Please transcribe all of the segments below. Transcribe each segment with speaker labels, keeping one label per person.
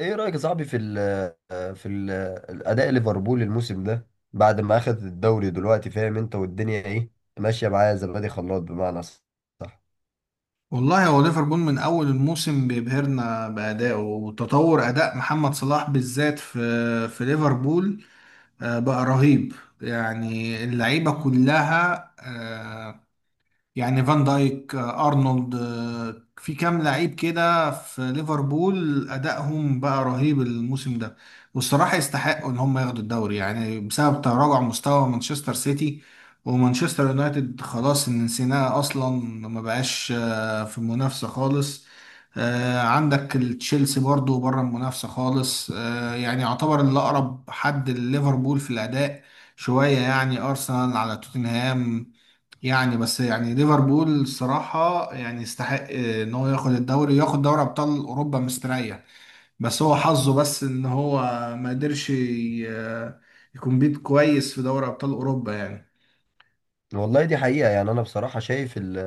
Speaker 1: ايه رأيك يا صاحبي في الأداء ليفربول الموسم ده؟ بعد ما أخذ الدوري دلوقتي فاهم انت والدنيا ايه ماشية معاه، زبادي خلاط بمعنى صح.
Speaker 2: والله، هو ليفربول من اول الموسم بيبهرنا بادائه وتطور اداء محمد صلاح بالذات في ليفربول. بقى رهيب، يعني اللعيبه كلها، يعني فان دايك، ارنولد، في كام لعيب كده في ليفربول، ادائهم بقى رهيب الموسم ده. والصراحه يستحقوا ان هم ياخدوا الدوري، يعني بسبب تراجع مستوى مانشستر سيتي ومانشستر يونايتد، خلاص إن نسيناه اصلا، ما بقاش في المنافسه خالص. عندك تشيلسي برضو بره المنافسه خالص، يعني يعتبر اللي اقرب حد لليفربول في الاداء شويه، يعني ارسنال على توتنهام. يعني بس يعني ليفربول الصراحة يعني يستحق ان هو ياخد الدوري وياخد دوري ابطال اوروبا مستريح. بس هو حظه، بس ان هو ما قدرش يكون بيت كويس في دوري ابطال اوروبا يعني.
Speaker 1: والله دي حقيقة، يعني أنا بصراحة شايف ال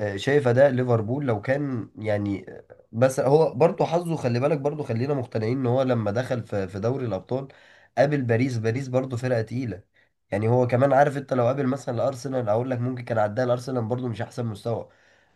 Speaker 1: آه، شايف أداء ليفربول لو كان يعني، بس هو برضه حظه، خلي بالك برضه، خلينا مقتنعين إن هو لما دخل في دوري الأبطال قابل باريس، برضه فرقة تقيلة. يعني هو كمان عارف، أنت لو قابل مثلا الأرسنال أقول لك ممكن كان عداها، الأرسنال برضه مش أحسن مستوى.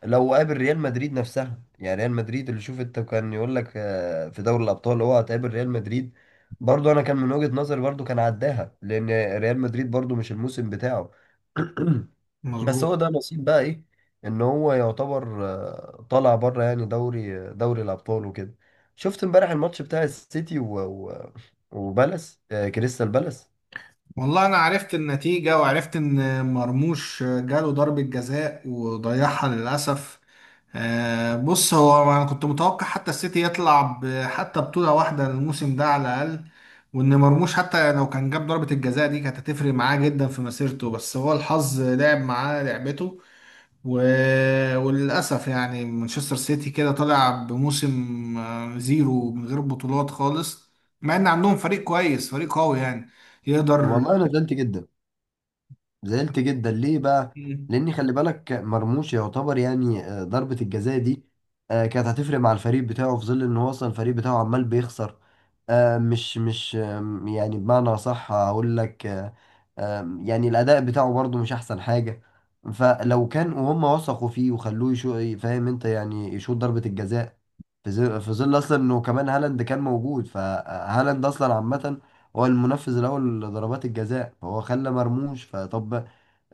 Speaker 1: لو قابل ريال مدريد نفسها، يعني ريال مدريد اللي شوف أنت، كان يقول لك في دوري الأبطال هو هتقابل ريال مدريد، برضه أنا كان من وجهة نظري برضه كان عداها، لأن ريال مدريد برضه مش الموسم بتاعه. بس
Speaker 2: مظبوط.
Speaker 1: هو ده نصيب بقى، ايه؟ ان هو يعتبر طالع بره يعني دوري الابطال وكده. شفت امبارح الماتش بتاع السيتي وبالاس، كريستال بالاس.
Speaker 2: والله انا عرفت النتيجة، وعرفت ان مرموش جاله ضربة جزاء وضيعها للأسف. بص، هو انا كنت متوقع حتى السيتي يطلع حتى بطولة واحدة الموسم ده على الأقل، وان مرموش حتى لو كان جاب ضربة الجزاء دي كانت هتفرق معاه جدا في مسيرته، بس هو الحظ لعب معاه لعبته. و... وللأسف يعني مانشستر سيتي كده طالع بموسم زيرو من غير بطولات خالص، مع ان عندهم فريق كويس فريق قوي يعني يقدر.
Speaker 1: والله انا زعلت جدا. زعلت جدا ليه بقى؟
Speaker 2: مم.
Speaker 1: لاني خلي بالك مرموش يعتبر يعني، ضربة الجزاء دي كانت هتفرق مع الفريق بتاعه، في ظل ان هو اصلا الفريق بتاعه عمال بيخسر، مش مش آم، يعني بمعنى صح هقول لك، آه، آم، يعني الاداء بتاعه برضو مش احسن حاجة. فلو كان وهم وثقوا فيه وخلوه يشو، فاهم انت، يعني يشوط ضربة الجزاء، في ظل اصلا انه كمان هالاند كان موجود، فهالاند اصلا عامة هو المنفذ الاول لضربات الجزاء، هو خلى مرموش فطب.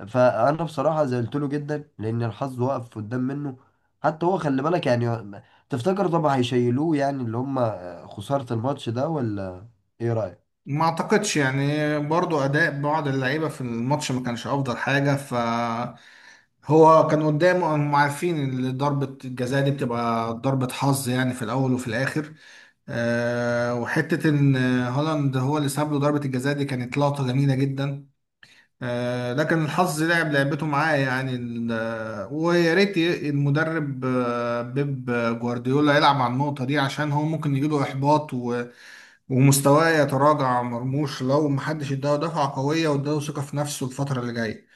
Speaker 1: فانا بصراحه زعلت له جدا، لان الحظ وقف قدام منه. حتى هو خلي بالك يعني، تفتكر طبعا هيشيلوه؟ يعني اللي هم خساره الماتش ده، ولا ايه رايك؟
Speaker 2: ما اعتقدش يعني برضو اداء بعض اللعيبه في الماتش ما كانش افضل حاجه، هو كان قدامه، هم عارفين ان ضربه الجزاء دي بتبقى ضربه حظ يعني في الاول وفي الاخر. وحته ان هولاند هو اللي ساب له ضربه الجزاء دي كانت لقطه جميله جدا. لكن الحظ لعب لعبته معاه، يعني ويا ريت المدرب بيب جوارديولا يلعب على النقطه دي، عشان هو ممكن يجيله احباط ومستواه يتراجع. مرموش لو محدش اداه دفعة قوية واداه ثقة في نفسه الفترة اللي جاية.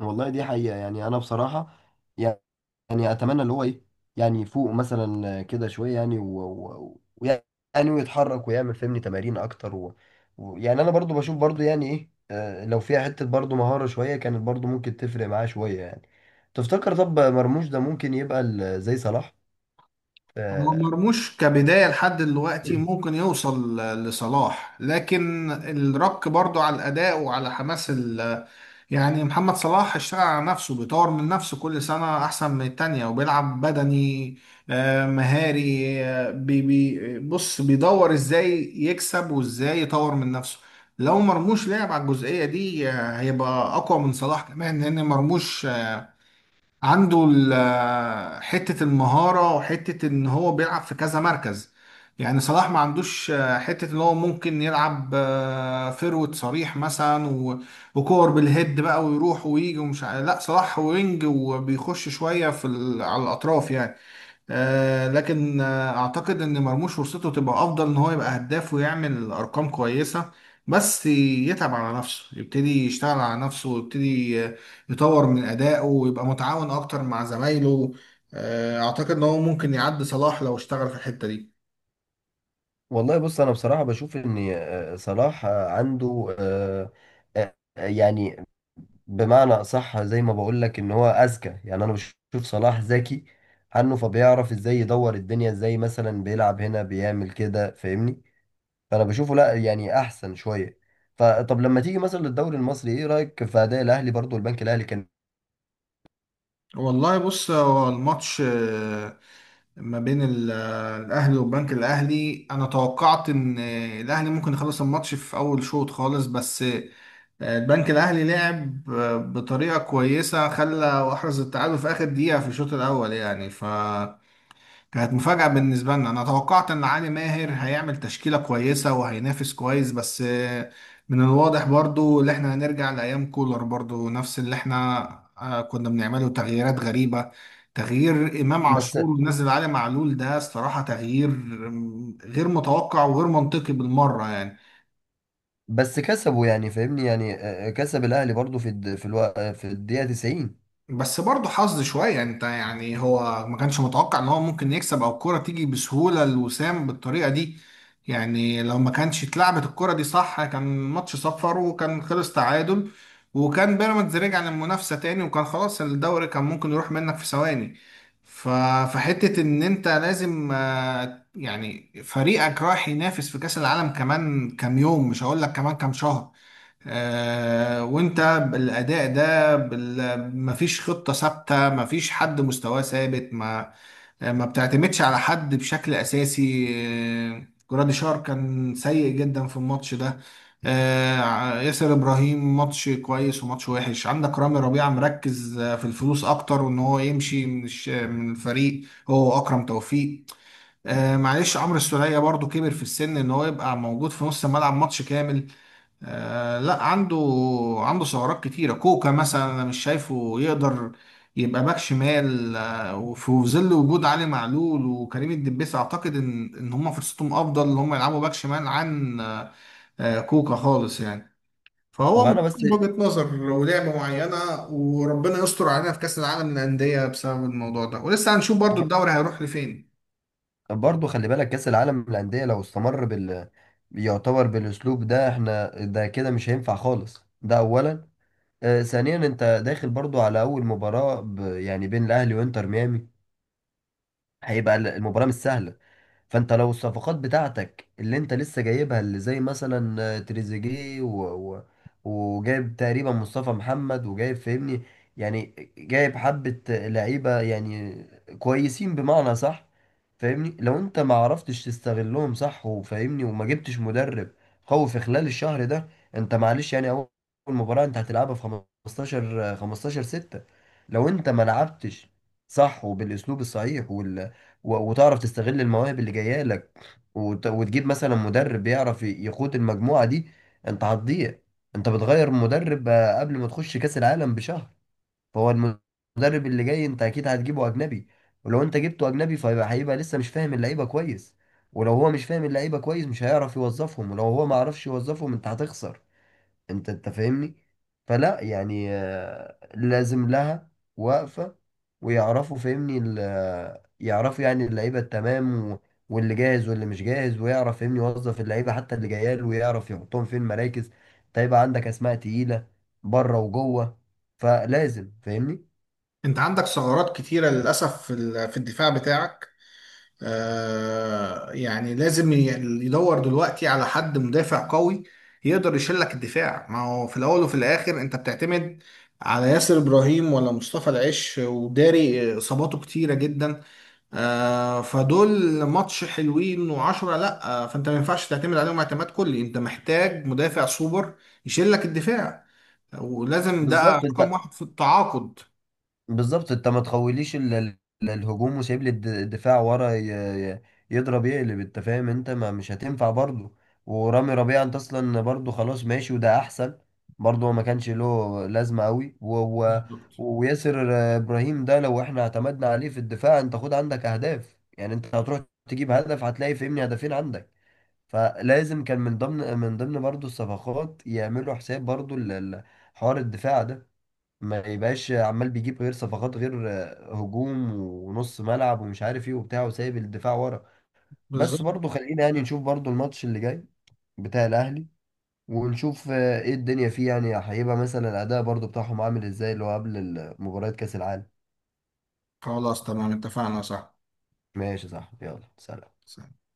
Speaker 1: والله دي حقيقه، يعني انا بصراحه يعني، يعني اتمنى اللي هو ايه، يعني يفوق مثلا كده شويه يعني، و- و- ويعني ويتحرك ويعمل فهمني تمارين اكتر يعني انا برضو بشوف برضو يعني ايه، لو فيها حته برضو مهاره شويه كانت برضو ممكن تفرق معاه شويه يعني. تفتكر طب مرموش ده ممكن يبقى زي صلاح؟
Speaker 2: هو
Speaker 1: آه،
Speaker 2: مرموش كبداية لحد دلوقتي ممكن يوصل لصلاح، لكن الرك برضو على الأداء وعلى حماس يعني محمد صلاح اشتغل على نفسه، بيطور من نفسه كل سنة أحسن من التانية، وبيلعب بدني مهاري. بي بي بص، بيدور إزاي يكسب وإزاي يطور من نفسه. لو مرموش لعب على الجزئية دي هيبقى أقوى من صلاح كمان، لأن مرموش عنده حتة المهارة، وحتة ان هو بيلعب في كذا مركز. يعني صلاح ما عندوش حتة ان هو ممكن يلعب فيرود صريح مثلا وكور بالهيد بقى، ويروح ويجي، ومش لا، صلاح وينج وبيخش شوية في على الأطراف يعني. لكن اعتقد ان مرموش فرصته تبقى افضل، ان هو يبقى هداف ويعمل ارقام كويسه، بس يتعب على نفسه، يبتدي يشتغل على نفسه، ويبتدي يطور من ادائه ويبقى متعاون اكتر مع زمايله. اعتقد ان هو ممكن يعدي صلاح لو اشتغل في الحته دي.
Speaker 1: والله بص انا بصراحه بشوف ان صلاح عنده، آه، يعني بمعنى أصح زي ما بقول لك، إن هو أذكى. يعني أنا بشوف صلاح ذكي عنه، فبيعرف إزاي يدور الدنيا، إزاي مثلا بيلعب هنا بيعمل كده فاهمني. فأنا بشوفه لا يعني أحسن شوية. فطب لما تيجي مثلا للدوري المصري، إيه رأيك في أداء الأهلي؟ برضو البنك الأهلي كان.
Speaker 2: والله بص، هو الماتش ما بين الاهلي والبنك الاهلي، انا توقعت ان الاهلي ممكن يخلص الماتش في اول شوط خالص، بس البنك الاهلي لعب بطريقه كويسه، خلى احرز التعادل في اخر دقيقه في الشوط الاول يعني. كانت مفاجأة بالنسبة لنا، أنا توقعت إن علي ماهر هيعمل تشكيلة كويسة وهينافس كويس، بس من الواضح برضو اللي إحنا هنرجع لأيام كولر، برضو نفس اللي إحنا كنا بنعمله تغييرات غريبة. تغيير إمام
Speaker 1: بس
Speaker 2: عاشور ونزل علي معلول، ده الصراحة تغيير غير متوقع وغير منطقي بالمرة يعني.
Speaker 1: بس كسبوا يعني فاهمني، يعني كسب الأهلي برضو في الد... في الو... آه، في الدقيقة 90.
Speaker 2: بس برضه حظ شوية يعني. انت يعني، هو ما كانش متوقع ان هو ممكن يكسب، او الكرة تيجي بسهولة لوسام بالطريقة دي. يعني لو ما كانش اتلعبت الكرة دي صح كان ماتش صفر وكان خلص تعادل، وكان بيراميدز رجع للمنافسة تاني، وكان خلاص الدوري كان ممكن يروح منك في ثواني. ف- فحتة ان انت لازم، يعني فريقك رايح ينافس في كأس العالم كمان كام يوم، مش هقول لك كمان كام شهر، وانت بالاداء ده مفيش خطه ثابته، مفيش حد مستواه ثابت، ما بتعتمدش على حد بشكل اساسي. جرادي شار كان سيء جدا في الماتش ده. ياسر ابراهيم، ماتش كويس وماتش وحش. عندك رامي ربيعه مركز في الفلوس اكتر، وان هو يمشي من من الفريق. هو اكرم توفيق. معلش، عمرو السولية برضو كبر في السن، ان هو يبقى موجود في نص الملعب ماتش كامل؟ لا، عنده ثغرات كتيرة. كوكا مثلا أنا مش شايفه يقدر يبقى باك شمال، وفي ظل وجود علي معلول وكريم الدبيس، أعتقد إن هما فرصتهم أفضل إن هما يلعبوا باك شمال عن كوكا خالص يعني.
Speaker 1: طب
Speaker 2: فهو
Speaker 1: أنا بس
Speaker 2: مفيش وجهة نظر ولعبة معينة، وربنا يستر علينا في كأس العالم للأندية بسبب الموضوع ده، ولسه هنشوف برضو الدوري هيروح لفين.
Speaker 1: برضه خلي بالك، كأس العالم للأندية لو استمر بال، يعتبر بالأسلوب ده احنا ده كده مش هينفع خالص. ده أولا. آه ثانيا، أنت داخل برضه على أول يعني بين الأهلي وإنتر ميامي، هيبقى المباراة مش سهلة. فانت لو الصفقات بتاعتك اللي انت لسه جايبها، اللي زي مثلا تريزيجيه و... و... وجايب تقريبا مصطفى محمد، وجايب فاهمني، يعني جايب حبة لعيبة يعني كويسين بمعنى صح، فاهمني لو انت ما عرفتش تستغلهم صح، وفاهمني وما جبتش مدرب قوي في خلال الشهر ده، انت معلش يعني اول مباراة انت هتلعبها في 15 6، لو انت ما لعبتش صح وبالاسلوب الصحيح وال، و- وتعرف تستغل المواهب اللي جايه لك، وت- وتجيب مثلا مدرب يعرف يقود المجموعه دي، انت هتضيع. انت بتغير مدرب قبل ما تخش كاس العالم بشهر. فهو المدرب اللي جاي انت اكيد هتجيبه اجنبي، ولو انت جبته اجنبي فهيبقى، لسه مش فاهم اللعيبه كويس، ولو هو مش فاهم اللعيبه كويس مش هيعرف يوظفهم، ولو هو ما عرفش يوظفهم انت هتخسر انت. فاهمني؟ فلا يعني لازم لها وقفة. ويعرفوا فاهمني يعرفوا يعني اللعيبة التمام واللي جاهز واللي مش جاهز، ويعرف فاهمني يوظف اللعيبة حتى اللي جايه له، ويعرف يحطهم فين مراكز. طيب عندك اسماء تقيلة بره وجوه، فلازم فاهمني.
Speaker 2: أنت عندك ثغرات كتيرة للأسف في في الدفاع بتاعك. يعني لازم يدور دلوقتي على حد مدافع قوي يقدر يشيل لك الدفاع. ما هو في الاول وفي الاخر انت بتعتمد على ياسر ابراهيم ولا مصطفى العش، وداري اصاباته كتيره جدا. فدول ماتش حلوين وعشرة لا، فانت ما ينفعش تعتمد عليهم اعتماد كلي، انت محتاج مدافع سوبر يشيل لك الدفاع، ولازم ده
Speaker 1: بالظبط
Speaker 2: رقم
Speaker 1: انت
Speaker 2: واحد في التعاقد.
Speaker 1: بالظبط انت ما تخوليش الهجوم وسايب لي الدفاع ورا ي- يضرب يقلب، انت فاهم انت ما مش هتنفع برضه. ورامي ربيعة انت اصلا برضه خلاص ماشي وده احسن، برضه هو ما كانش له لازمة قوي،
Speaker 2: بالظبط.
Speaker 1: وياسر ابراهيم ده لو احنا اعتمدنا عليه في الدفاع، انت خد عندك اهداف. يعني انت هتروح تجيب هدف هتلاقي فهمني هدفين عندك. فلازم كان من ضمن، برضه الصفقات يعملوا حساب برضه حوار الدفاع ده، ما يبقاش عمال بيجيب غير صفقات، غير هجوم ونص ملعب ومش عارف ايه وبتاع، وسايب الدفاع ورا. بس
Speaker 2: بالظبط.
Speaker 1: برضو خلينا يعني نشوف برضو الماتش اللي جاي بتاع الاهلي، ونشوف ايه الدنيا فيه، يعني هيبقى مثلا الاداء برضو بتاعهم عامل ازاي اللي هو قبل مباراة كاس العالم.
Speaker 2: خلاص تمام، اتفقنا.
Speaker 1: ماشي صح، يلا سلام.
Speaker 2: صح.